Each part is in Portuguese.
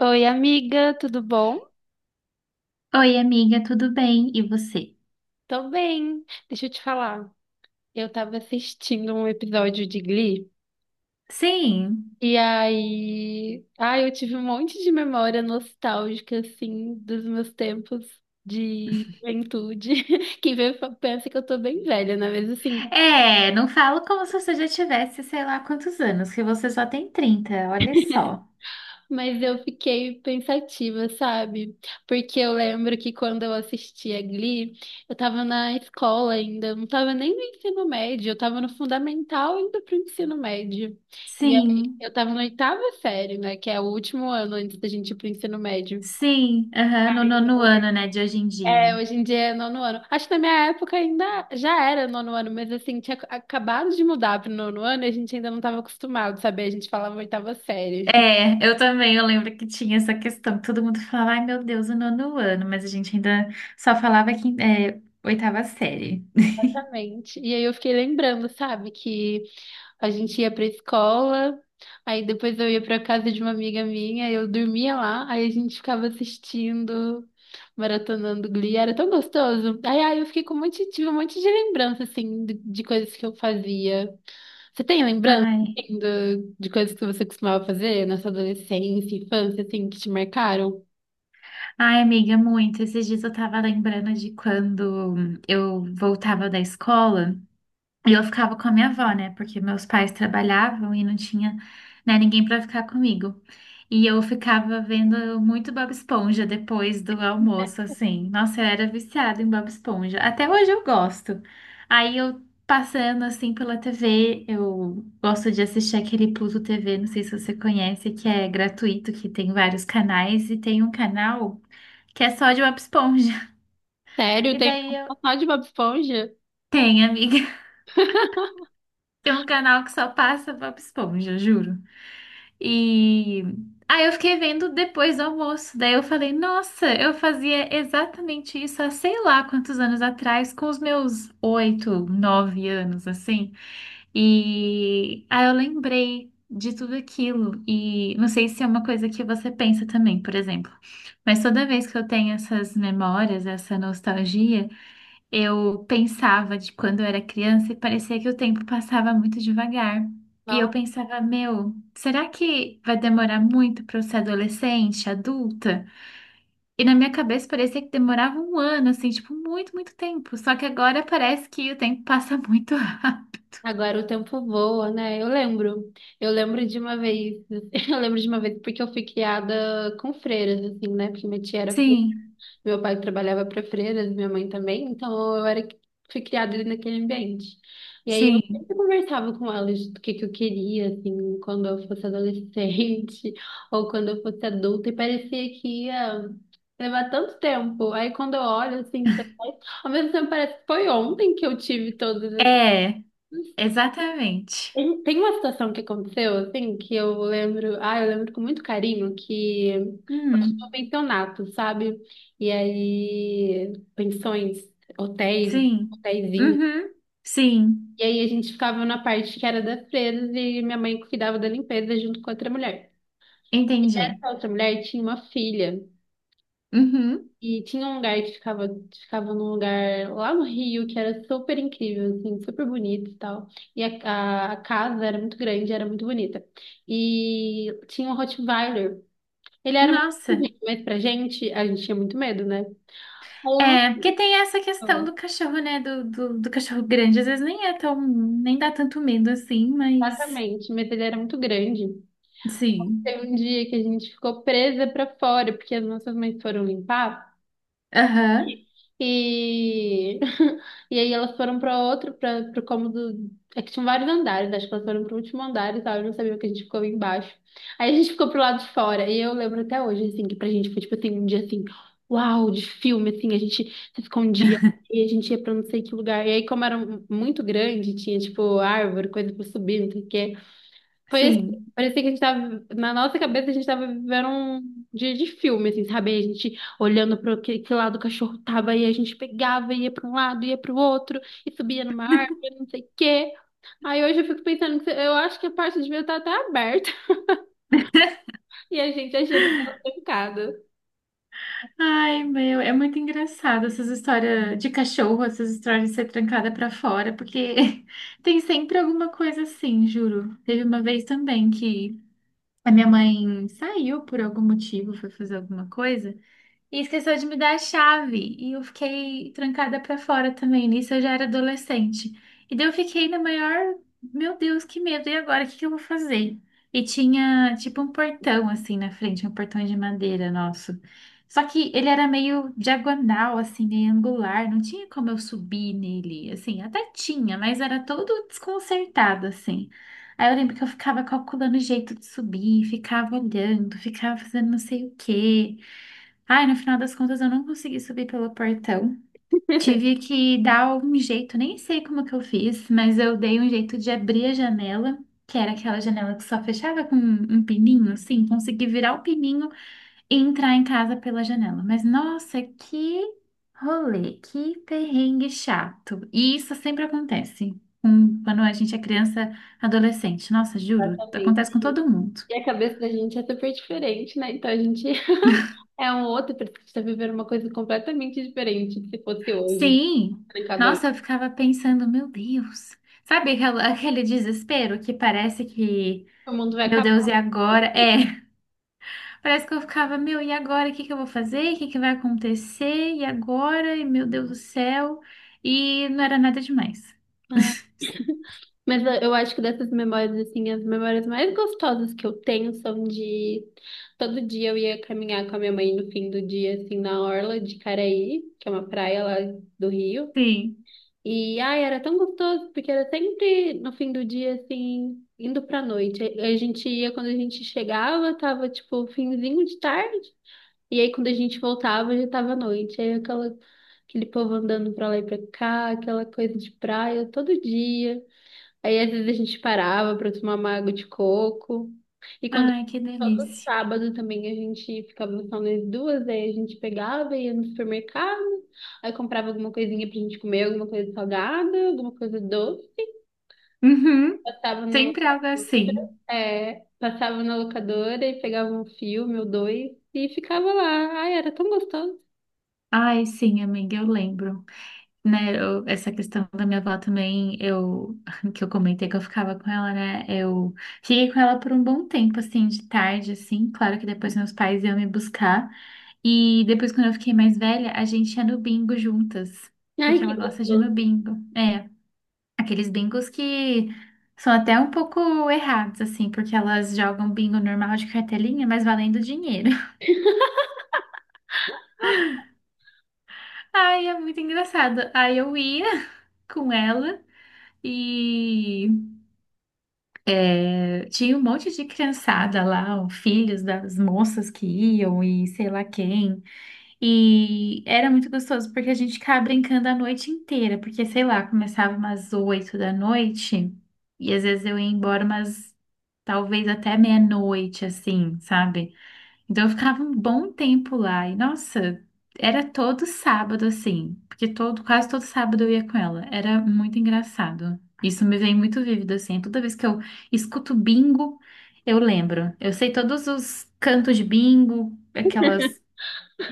Oi, amiga, tudo bom? Oi, amiga, tudo bem? E você? Tô bem. Deixa eu te falar. Eu tava assistindo um episódio de Glee Sim. e aí, ai, eu tive um monte de memória nostálgica assim dos meus tempos de juventude. Quem pensa que eu tô bem velha, né? Mas assim, É, não falo como se você já tivesse, sei lá quantos anos, que você só tem 30, olha só. mas eu fiquei pensativa, sabe? Porque eu lembro que quando eu assistia Glee, eu tava na escola ainda, eu não tava nem no ensino médio, eu tava no fundamental indo pro ensino médio. E aí Sim. eu tava na oitava série, né? Que é o último ano antes da gente ir pro ensino médio. Sim, aham, no nono ano, né, de hoje em dia. É, hoje em dia é nono ano. Acho que na minha época ainda já era nono ano, mas assim, tinha acabado de mudar pro nono ano e a gente ainda não tava acostumado, sabe? A gente falava oitava série. É, eu também, eu lembro que tinha essa questão, todo mundo falava, ai meu Deus, o nono ano, mas a gente ainda só falava que é, oitava série. Exatamente. E aí eu fiquei lembrando, sabe, que a gente ia pra escola, aí depois eu ia pra casa de uma amiga minha, eu dormia lá, aí a gente ficava assistindo, maratonando Glee, era tão gostoso. Aí eu fiquei com um monte, tive um monte de lembrança, assim, de coisas que eu fazia. Você tem lembrança, Ai, assim, de coisas que você costumava fazer na sua adolescência, infância, assim, que te marcaram? ai, amiga, muito. Esses dias eu tava lembrando de quando eu voltava da escola. E eu ficava com a minha avó, né? Porque meus pais trabalhavam e não tinha, né, ninguém para ficar comigo. E eu ficava vendo muito Bob Esponja depois do almoço, assim. Nossa, eu era viciada em Bob Esponja. Até hoje eu gosto. Aí eu passando assim pela TV, eu gosto de assistir aquele Pluto TV, não sei se você conhece, que é gratuito, que tem vários canais e tem um canal que é só de Bob Esponja. Sério, E tem daí eu um só de Bob Esponja? tenho, amiga. Tem um canal que só passa Bob Esponja, eu juro. E aí eu fiquei vendo depois do almoço. Daí eu falei, nossa, eu fazia exatamente isso há sei lá quantos anos atrás, com os meus oito, nove anos, assim. E aí eu lembrei de tudo aquilo. E não sei se é uma coisa que você pensa também, por exemplo. Mas toda vez que eu tenho essas memórias, essa nostalgia. Eu pensava de quando eu era criança e parecia que o tempo passava muito devagar. E eu pensava, meu, será que vai demorar muito para eu ser adolescente, adulta? E na minha cabeça parecia que demorava um ano, assim, tipo, muito, muito tempo. Só que agora parece que o tempo passa muito rápido. Agora o tempo voa, né? Eu lembro. Eu lembro de uma vez, eu lembro de uma vez porque eu fui criada com freiras, assim, né? Porque minha tia era, Sim, meu pai trabalhava para freiras, minha mãe também, então eu era, fui criada ali naquele ambiente. E aí eu sempre sim. conversava com elas do que eu queria, assim, quando eu fosse adolescente ou quando eu fosse adulta, e parecia que ia levar tanto tempo. Aí quando eu olho, assim, pra trás, ao mesmo tempo parece que foi ontem que eu tive todas É, exatamente. tem uma situação que aconteceu, assim, que eu lembro, ah, eu lembro com muito carinho que eu tinha um Hum, pensionato, sabe? E aí, pensões, hotéis, sim. hotéisinhos. Uhum, sim. E aí a gente ficava na parte que era das presas e minha mãe cuidava da limpeza junto com outra mulher. Entendi. Essa outra mulher tinha uma filha. Uhum. E tinha um lugar ficava num lugar lá no Rio que era super incrível, assim, super bonito e tal. E a casa era muito grande, era muito bonita. E tinha um Rottweiler. Ele era muito Nossa. pequenininho, mas pra gente, a gente tinha muito medo, né? Aí eu não É, porque tem essa questão sei do cachorro, né? Do cachorro grande. Às vezes nem é tão. Nem dá tanto medo assim, mas. exatamente, mas ele era muito grande. Sim. Teve um dia que a gente ficou presa pra fora, porque as nossas mães foram limpar. Aham. E, e aí elas foram para outro, para o cômodo. É que tinham vários andares, acho que elas foram para o último andar e tal, eu não sabia que a gente ficou embaixo. Aí a gente ficou pro lado de fora, e eu lembro até hoje, assim, que pra gente foi tipo assim, um dia assim, uau, de filme, assim, a gente se escondia e a gente ia pra não sei que lugar. E aí, como era muito grande, tinha tipo árvore, coisa pra subir, não sei o quê. Foi assim, Sim. parecia que a gente tava, na nossa cabeça, a gente tava vivendo um dia de filme, assim, sabe? A gente olhando para que lado o cachorro tava, e a gente pegava, ia para um lado, ia para o outro, e subia numa árvore, não sei o quê. Aí hoje eu fico pensando que eu acho que a parte de ver tá até aberta, e a gente achando que tava trancada. Ai, meu. É muito engraçado essas histórias de cachorro, essas histórias de ser trancada pra fora, porque tem sempre alguma coisa assim, juro. Teve uma vez também que a minha mãe saiu por algum motivo, foi fazer alguma coisa. E esqueceu de me dar a chave. E eu fiquei trancada pra fora também. Nisso eu já era adolescente. E daí eu fiquei na maior. Meu Deus, que medo! E agora? O que que eu vou fazer? E tinha tipo um portão assim na frente, um portão de madeira nosso. Só que ele era meio diagonal, assim, meio angular. Não tinha como eu subir nele. Assim, até tinha, mas era todo desconcertado, assim. Aí eu lembro que eu ficava calculando o jeito de subir, ficava olhando, ficava fazendo não sei o quê. Ai, no final das contas, eu não consegui subir pelo portão. Tive que dar um jeito, nem sei como que eu fiz, mas eu dei um jeito de abrir a janela, que era aquela janela que só fechava com um pininho, sim, consegui virar o pininho e entrar em casa pela janela. Mas nossa, que rolê, que perrengue chato. E isso sempre acontece quando a gente é criança, adolescente. Nossa, juro, Exatamente. acontece com todo mundo. E a cabeça da gente é super diferente, né? Então a gente é um outro, parece que a gente tá vivendo uma coisa completamente diferente do que se fosse hoje. Sim, Trancador. nossa, eu ficava pensando, meu Deus, aquele desespero que parece que, O mundo vai meu Deus, acabar. e agora? É, parece que eu ficava, meu, e agora? O que que eu vou fazer? O que que vai acontecer? E agora? E meu Deus do céu, e não era nada demais. Mas eu acho que dessas memórias, assim, as memórias mais gostosas que eu tenho são de todo dia eu ia caminhar com a minha mãe no fim do dia, assim, na orla de Caraí, que é uma praia lá do Rio. Sim, E ai, era tão gostoso, porque era sempre no fim do dia, assim, indo pra noite. A gente ia quando a gente chegava, tava tipo finzinho de tarde. E aí quando a gente voltava, já tava noite. Aí aquela, aquele povo andando pra lá e pra cá, aquela coisa de praia todo dia. Aí às vezes a gente parava para tomar uma água de coco. E quando ai, que todo delícia. sábado também a gente ficava só nós duas, aí a gente pegava, ia no supermercado, aí comprava alguma coisinha pra gente comer, alguma coisa salgada, alguma coisa doce, Uhum, passava na sempre algo locadora, assim. é, passava na locadora e pegava um filme ou dois e ficava lá. Ai, era tão gostoso. Ai, sim, amiga, eu lembro. Né, essa questão da minha avó também, eu, que eu comentei que eu ficava com ela, né, eu fiquei com ela por um bom tempo, assim, de tarde, assim, claro que depois meus pais iam me buscar, e depois quando eu fiquei mais velha, a gente ia no bingo juntas, Ai, porque que ela gosta de ir no gostoso. bingo, é, aqueles bingos que são até um pouco errados, assim, porque elas jogam bingo normal de cartelinha, mas valendo dinheiro. Ai, é muito engraçado, aí eu ia com ela, e tinha um monte de criançada lá, ó, filhos das moças que iam e sei lá quem. E era muito gostoso porque a gente ficava brincando a noite inteira, porque sei lá, começava umas oito da noite e às vezes eu ia embora umas talvez até meia-noite, assim, sabe? Então eu ficava um bom tempo lá e nossa, era todo sábado assim, porque todo quase todo sábado eu ia com ela. Era muito engraçado. Isso me vem muito vívido assim. Toda vez que eu escuto bingo, eu lembro. Eu sei todos os cantos de bingo, aquelas,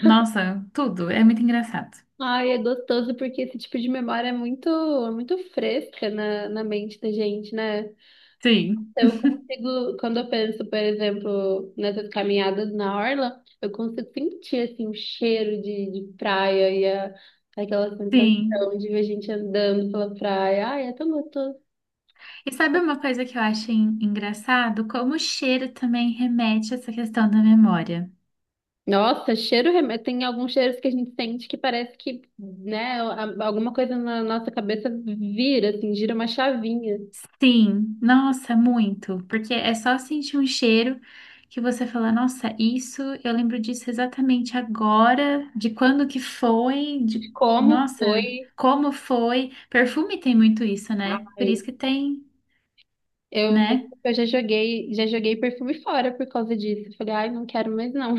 nossa, tudo. É muito engraçado. Ai, é gostoso porque esse tipo de memória é muito fresca na mente da gente, né? Sim, Eu consigo, quando eu penso, por exemplo, nessas caminhadas na orla, eu consigo sentir assim o cheiro de praia e aquela sim. sensação de ver a gente andando pela praia. Ai, é tão gostoso. E sabe uma coisa que eu acho engraçado? Como o cheiro também remete a essa questão da memória. Nossa, cheiro, tem alguns cheiros que a gente sente que parece que, né, alguma coisa na nossa cabeça vira, assim, gira uma chavinha. Sim, nossa, muito. Porque é só sentir um cheiro que você fala, nossa, isso, eu lembro disso exatamente agora, de quando que foi, de, Como nossa, foi? como foi. Perfume tem muito isso, né? Por Ai, isso que tem, eu, né? eu já joguei perfume fora por causa disso. Eu falei, ai, não quero mais não.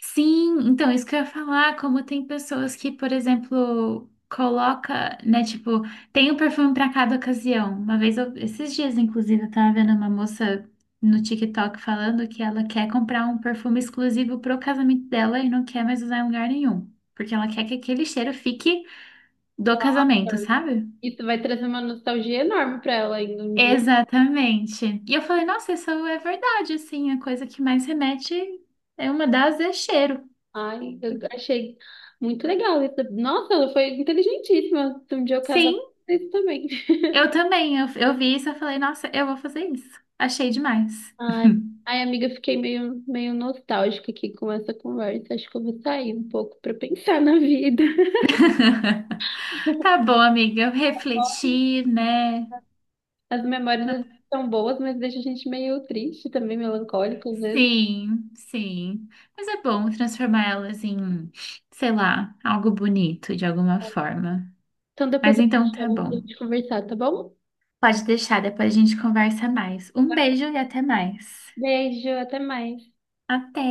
Sim, então isso que eu ia falar, como tem pessoas que, por exemplo, coloca, né, tipo, tem um perfume para cada ocasião. Uma vez, esses dias, inclusive, eu tava vendo uma moça no TikTok falando que ela quer comprar um perfume exclusivo pro casamento dela e não quer mais usar em lugar nenhum, porque ela quer que aquele cheiro fique do casamento, sabe? Isso vai trazer uma nostalgia enorme pra ela ainda um dia. Exatamente. E eu falei, nossa, isso é verdade, assim, a coisa que mais remete é uma das é cheiro. Ai, eu achei muito legal isso. Nossa, ela foi inteligentíssima. Um dia eu casava Sim. com isso também. Eu também, eu vi isso, eu falei, nossa, eu vou fazer isso. Achei demais. Ai, ai, amiga, eu fiquei meio nostálgica aqui com essa conversa. Acho que eu vou sair um pouco pra pensar na vida. Tá bom, amiga, eu refleti, né? As memórias são boas, mas deixa a gente meio triste também, melancólico às vezes. Sim, sim. Mas é bom transformá-las em, sei lá, algo bonito de alguma forma. Então depois Mas eu te então tá chamo pra bom. gente conversar, tá bom? Pode deixar, depois a gente conversa mais. Um beijo e até mais. Beijo, até mais. Até!